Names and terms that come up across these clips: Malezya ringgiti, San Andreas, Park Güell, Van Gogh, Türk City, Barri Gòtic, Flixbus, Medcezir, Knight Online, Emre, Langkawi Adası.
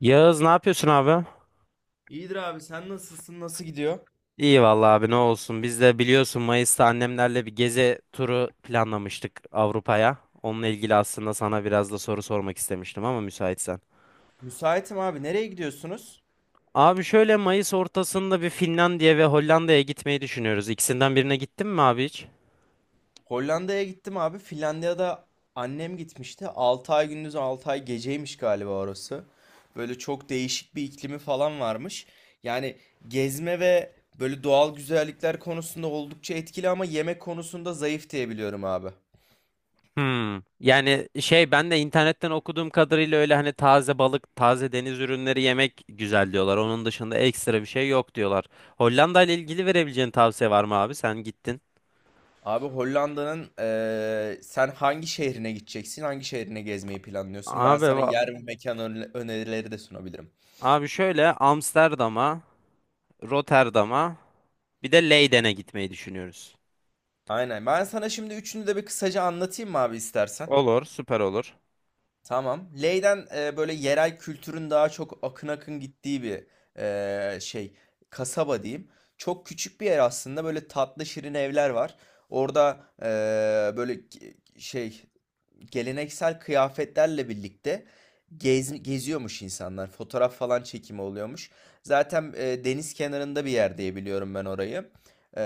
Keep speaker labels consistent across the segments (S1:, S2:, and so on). S1: Yağız ne yapıyorsun abi?
S2: İyidir abi, sen nasılsın, nasıl gidiyor?
S1: İyi vallahi abi ne olsun. Biz de biliyorsun Mayıs'ta annemlerle bir gezi turu planlamıştık Avrupa'ya. Onunla ilgili aslında sana biraz da soru sormak istemiştim ama müsaitsen.
S2: Müsaitim abi, nereye gidiyorsunuz?
S1: Abi şöyle Mayıs ortasında bir Finlandiya ve Hollanda'ya gitmeyi düşünüyoruz. İkisinden birine gittin mi abi hiç?
S2: Hollanda'ya gittim abi. Finlandiya'da annem gitmişti. 6 ay gündüz 6 ay geceymiş galiba orası. Böyle çok değişik bir iklimi falan varmış. Yani gezme ve böyle doğal güzellikler konusunda oldukça etkili, ama yemek konusunda zayıf diye biliyorum abi.
S1: Hmm. Yani şey ben de internetten okuduğum kadarıyla öyle hani taze balık, taze deniz ürünleri yemek güzel diyorlar. Onun dışında ekstra bir şey yok diyorlar. Hollanda ile ilgili verebileceğin tavsiye var mı abi? Sen gittin.
S2: Abi Hollanda'nın sen hangi şehrine gideceksin? Hangi şehrine gezmeyi planlıyorsun? Ben
S1: Abi
S2: sana
S1: va-
S2: yer ve mekan önerileri de sunabilirim.
S1: Abi şöyle Amsterdam'a, Rotterdam'a bir de Leyden'e gitmeyi düşünüyoruz.
S2: Aynen. Ben sana şimdi üçünü de bir kısaca anlatayım mı abi, istersen?
S1: Olur, süper olur.
S2: Tamam. Ley'den böyle yerel kültürün daha çok akın akın gittiği bir e, şey kasaba diyeyim. Çok küçük bir yer aslında. Böyle tatlı şirin evler var. Orada e, böyle ge- şey geleneksel kıyafetlerle birlikte geziyormuş insanlar. Fotoğraf falan çekimi oluyormuş. Zaten deniz kenarında bir yer diye biliyorum ben orayı. E,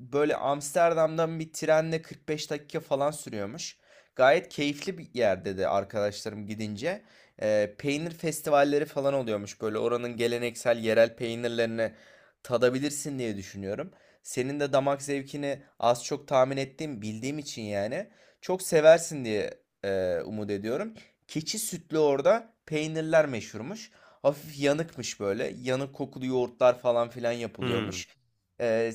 S2: Böyle Amsterdam'dan bir trenle 45 dakika falan sürüyormuş. Gayet keyifli bir yer dedi arkadaşlarım gidince. Peynir festivalleri falan oluyormuş. Böyle oranın geleneksel yerel peynirlerini tadabilirsin diye düşünüyorum. Senin de damak zevkini az çok tahmin ettiğim, bildiğim için yani çok seversin diye umut ediyorum. Keçi sütlü orada peynirler meşhurmuş. Hafif yanıkmış böyle. Yanık kokulu yoğurtlar falan filan
S1: Hmm.
S2: yapılıyormuş. Ee,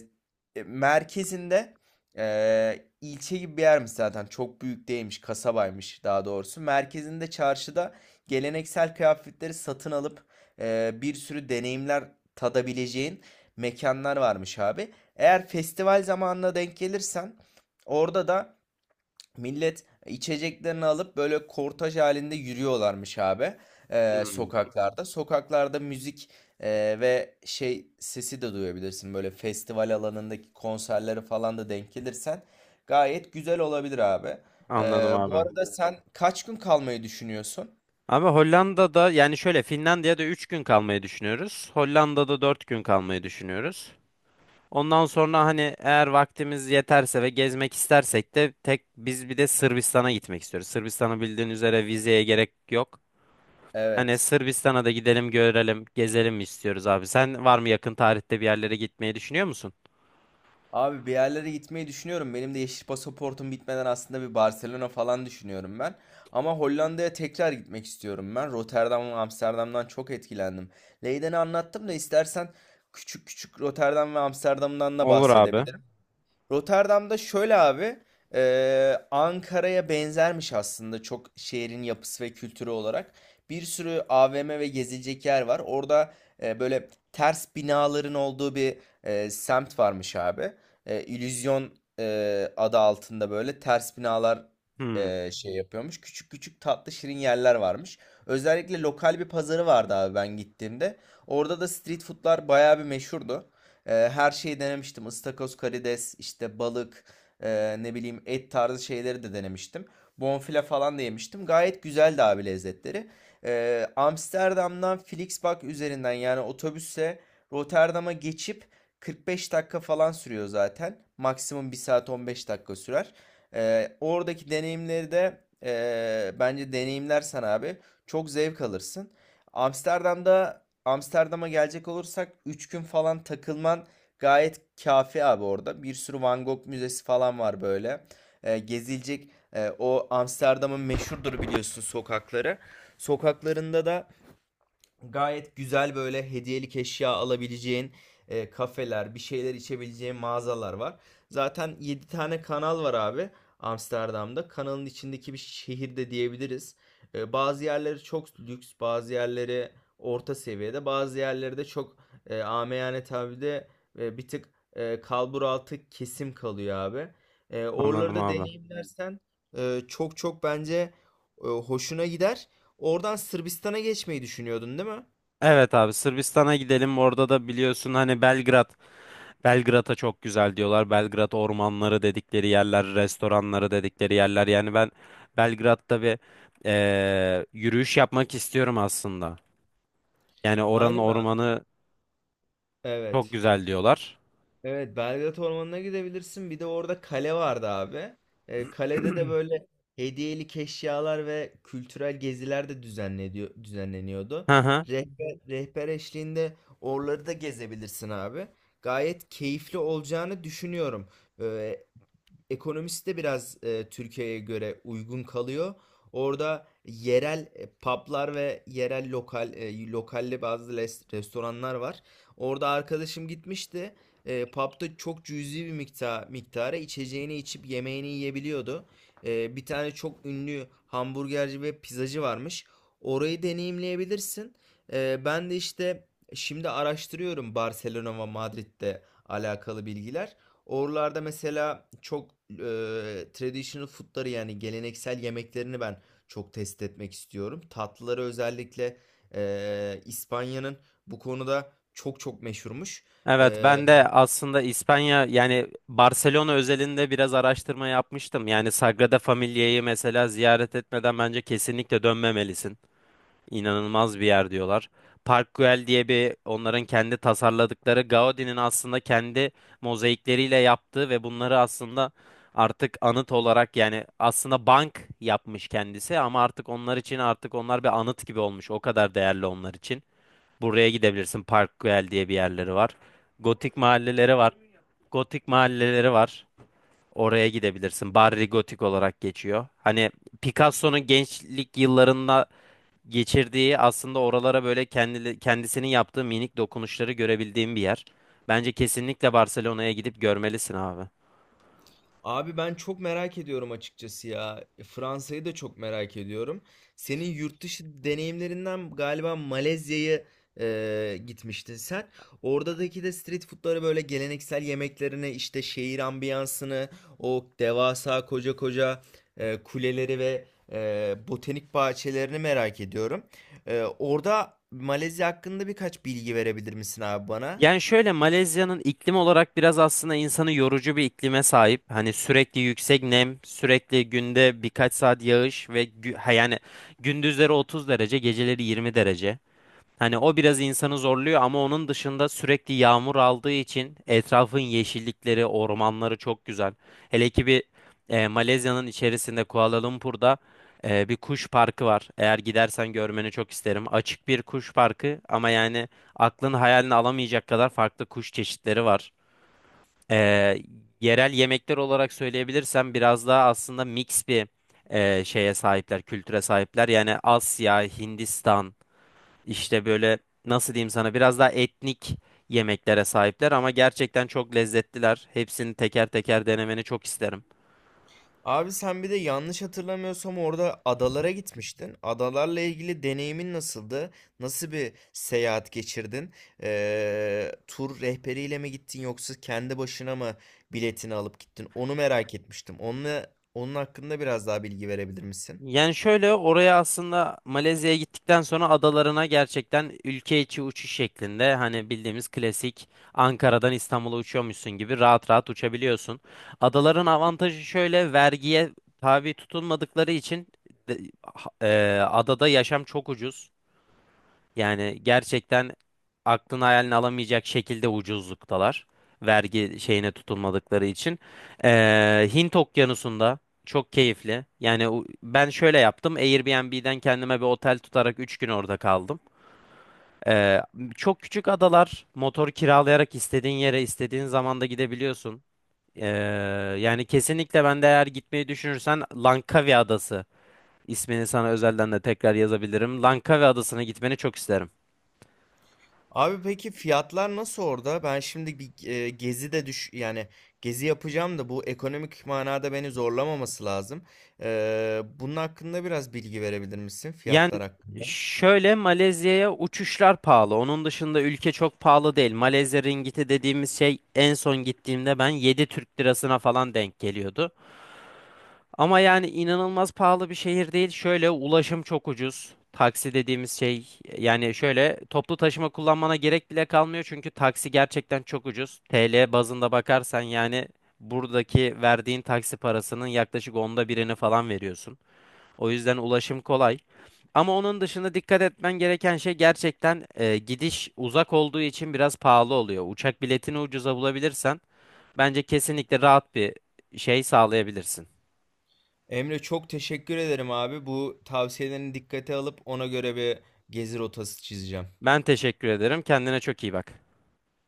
S2: Merkezinde, ilçe gibi bir yermiş zaten. Çok büyük değilmiş, kasabaymış daha doğrusu. Merkezinde, çarşıda geleneksel kıyafetleri satın alıp bir sürü deneyimler tadabileceğin mekanlar varmış abi. Eğer festival zamanına denk gelirsen orada da millet içeceklerini alıp böyle kortaj halinde yürüyorlarmış abi,
S1: Hmm.
S2: sokaklarda. Sokaklarda müzik ve sesi de duyabilirsin. Böyle festival alanındaki konserleri falan da denk gelirsen gayet güzel olabilir abi.
S1: Anladım
S2: Bu
S1: abi.
S2: arada sen kaç gün kalmayı düşünüyorsun?
S1: Abi Hollanda'da yani şöyle Finlandiya'da 3 gün kalmayı düşünüyoruz. Hollanda'da 4 gün kalmayı düşünüyoruz. Ondan sonra hani eğer vaktimiz yeterse ve gezmek istersek de tek biz bir de Sırbistan'a gitmek istiyoruz. Sırbistan'ı bildiğin üzere vizeye gerek yok. Hani
S2: Evet.
S1: Sırbistan'a da gidelim görelim, gezelim mi istiyoruz abi? Sen var mı yakın tarihte bir yerlere gitmeyi düşünüyor musun?
S2: Abi bir yerlere gitmeyi düşünüyorum. Benim de yeşil pasaportum bitmeden aslında bir Barcelona falan düşünüyorum ben. Ama Hollanda'ya tekrar gitmek istiyorum ben. Rotterdam ve Amsterdam'dan çok etkilendim. Leyden'i anlattım da, istersen küçük küçük Rotterdam ve Amsterdam'dan da
S1: Olur abi.
S2: bahsedebilirim. Rotterdam'da şöyle abi, Ankara'ya benzermiş aslında çok, şehrin yapısı ve kültürü olarak. Bir sürü AVM ve gezilecek yer var. Orada böyle ters binaların olduğu bir semt varmış abi. İllüzyon adı altında böyle ters binalar
S1: Hmm,
S2: yapıyormuş. Küçük küçük tatlı şirin yerler varmış. Özellikle lokal bir pazarı vardı abi ben gittiğimde. Orada da street foodlar bayağı bir meşhurdu. Her şeyi denemiştim. Istakoz, karides, işte balık, ne bileyim et tarzı şeyleri de denemiştim. Bonfile falan da yemiştim. Gayet güzeldi abi lezzetleri. Amsterdam'dan Flixbus üzerinden, yani otobüse Rotterdam'a geçip 45 dakika falan sürüyor zaten. Maksimum 1 saat 15 dakika sürer. Oradaki deneyimleri de bence deneyimlersen abi çok zevk alırsın. Amsterdam'da Amsterdam'a gelecek olursak 3 gün falan takılman gayet kafi abi orada. Bir sürü Van Gogh müzesi falan var böyle. Gezilecek e, o Amsterdam'ın meşhurdur biliyorsun sokakları. Sokaklarında da gayet güzel, böyle hediyelik eşya alabileceğin kafeler, bir şeyler içebileceğin mağazalar var. Zaten 7 tane kanal var abi Amsterdam'da. Kanalın içindeki bir şehir de diyebiliriz. Bazı yerleri çok lüks, bazı yerleri orta seviyede, bazı yerleri de çok amiyane tabirle bir tık kalbur altı kesim kalıyor abi. Oraları
S1: anladım
S2: da
S1: abi.
S2: deneyimlersen çok çok bence hoşuna gider. Oradan Sırbistan'a geçmeyi düşünüyordun değil mi?
S1: Evet abi Sırbistan'a gidelim. Orada da biliyorsun hani Belgrad. Belgrad'a çok güzel diyorlar. Belgrad ormanları dedikleri yerler, restoranları dedikleri yerler. Yani ben Belgrad'da bir yürüyüş yapmak istiyorum aslında. Yani oranın
S2: Aynen abi.
S1: ormanı çok
S2: Evet.
S1: güzel diyorlar.
S2: Evet, Belgrad Ormanı'na gidebilirsin. Bir de orada kale vardı abi. Kalede de böyle hediyelik eşyalar ve kültürel geziler de düzenleniyordu.
S1: Hı hı.
S2: Rehber eşliğinde oraları da gezebilirsin abi. Gayet keyifli olacağını düşünüyorum. Ee, Ekonomisi de biraz Türkiye'ye göre uygun kalıyor. Orada yerel publar ve yerel lokal restoranlar var. Orada arkadaşım gitmişti. Pub'da çok cüzi bir miktara içeceğini içip yemeğini yiyebiliyordu. Bir tane çok ünlü hamburgerci ve pizzacı varmış. Orayı deneyimleyebilirsin. Ben de işte şimdi araştırıyorum Barcelona ve Madrid'de alakalı bilgiler. Oralarda mesela çok traditional food'ları, yani geleneksel yemeklerini ben çok test etmek istiyorum. Tatlıları özellikle İspanya'nın bu konuda çok çok meşhurmuş.
S1: Evet
S2: E,
S1: ben de aslında İspanya yani Barcelona özelinde biraz araştırma yapmıştım. Yani Sagrada Familia'yı mesela ziyaret etmeden bence kesinlikle dönmemelisin. İnanılmaz bir yer diyorlar. Park Güell diye bir onların kendi tasarladıkları Gaudi'nin aslında kendi mozaikleriyle yaptığı ve bunları aslında artık anıt olarak yani aslında bank yapmış kendisi ama artık onlar için artık onlar bir anıt gibi olmuş. O kadar değerli onlar için. Buraya gidebilirsin. Parkwell diye bir yerleri var. Gotik mahalleleri var. Gotik mahalleleri var. Oraya gidebilirsin. Barri Gotik olarak geçiyor. Hani Picasso'nun gençlik yıllarında geçirdiği aslında oralara böyle kendi, kendisinin yaptığı minik dokunuşları görebildiğim bir yer. Bence kesinlikle Barcelona'ya gidip görmelisin abi.
S2: Abi ben çok merak ediyorum açıkçası ya. Fransa'yı da çok merak ediyorum. Senin yurt dışı deneyimlerinden galiba Malezya'ya gitmiştin sen. Oradaki de street food'ları, böyle geleneksel yemeklerini, işte şehir ambiyansını, o devasa koca koca kuleleri ve botanik bahçelerini merak ediyorum. Orada Malezya hakkında birkaç bilgi verebilir misin abi bana?
S1: Yani şöyle Malezya'nın iklim olarak biraz aslında insanı yorucu bir iklime sahip. Hani sürekli yüksek nem, sürekli günde birkaç saat yağış ve yani gündüzleri 30 derece, geceleri 20 derece. Hani o biraz insanı zorluyor ama onun dışında sürekli yağmur aldığı için etrafın yeşillikleri, ormanları çok güzel. Hele ki bir Malezya'nın içerisinde Kuala Lumpur'da bir kuş parkı var. Eğer gidersen görmeni çok isterim. Açık bir kuş parkı ama yani aklın hayalini alamayacak kadar farklı kuş çeşitleri var. E, Yerel yemekler olarak söyleyebilirsem biraz daha aslında mix bir şeye sahipler, kültüre sahipler. Yani Asya, Hindistan. İşte böyle nasıl diyeyim sana biraz daha etnik yemeklere sahipler ama gerçekten çok lezzetliler. Hepsini teker teker denemeni çok isterim.
S2: Abi sen bir de yanlış hatırlamıyorsam orada adalara gitmiştin. Adalarla ilgili deneyimin nasıldı? Nasıl bir seyahat geçirdin? Tur rehberiyle mi gittin, yoksa kendi başına mı biletini alıp gittin? Onu merak etmiştim. Onun hakkında biraz daha bilgi verebilir misin?
S1: Yani şöyle oraya aslında Malezya'ya gittikten sonra adalarına gerçekten ülke içi uçuş şeklinde hani bildiğimiz klasik Ankara'dan İstanbul'a uçuyormuşsun gibi rahat rahat uçabiliyorsun. Adaların avantajı şöyle vergiye tabi tutulmadıkları için adada yaşam çok ucuz. Yani gerçekten aklın hayalini alamayacak şekilde ucuzluktalar. Vergi şeyine tutulmadıkları için. Hint Okyanusu'nda çok keyifli. Yani o- ben şöyle yaptım. Airbnb'den kendime bir otel tutarak 3 gün orada kaldım. Ee, çok küçük adalar. Motor kiralayarak istediğin yere istediğin zamanda gidebiliyorsun. Ee, Yani kesinlikle ben de eğer gitmeyi düşünürsen Langkawi Adası ismini sana özelden de tekrar yazabilirim. Langkawi Adası'na gitmeni çok isterim.
S2: Abi peki fiyatlar nasıl orada? Ben şimdi bir e, gezi de düş yani gezi yapacağım da, bu ekonomik manada beni zorlamaması lazım. Bunun hakkında biraz bilgi verebilir misin
S1: Yani
S2: fiyatlar hakkında?
S1: şöyle Malezya'ya uçuşlar pahalı. Onun dışında ülke çok pahalı değil. Malezya ringgiti dediğimiz şey en son gittiğimde ben 7 TL'sine falan denk geliyordu. Ama yani inanılmaz pahalı bir şehir değil. Şöyle ulaşım çok ucuz. Taksi dediğimiz şey yani şöyle toplu taşıma kullanmana gerek bile kalmıyor. Çünkü taksi gerçekten çok ucuz. TL bazında bakarsan yani buradaki verdiğin taksi parasının yaklaşık onda birini falan veriyorsun. O yüzden ulaşım kolay. Ama onun dışında dikkat etmen gereken şey gerçekten gidiş uzak olduğu için biraz pahalı oluyor. Uçak biletini ucuza bulabilirsen bence kesinlikle rahat bir şey sağlayabilirsin.
S2: Emre çok teşekkür ederim abi. Bu tavsiyelerini dikkate alıp ona göre bir gezi rotası çizeceğim.
S1: Ben teşekkür ederim. Kendine çok iyi bak.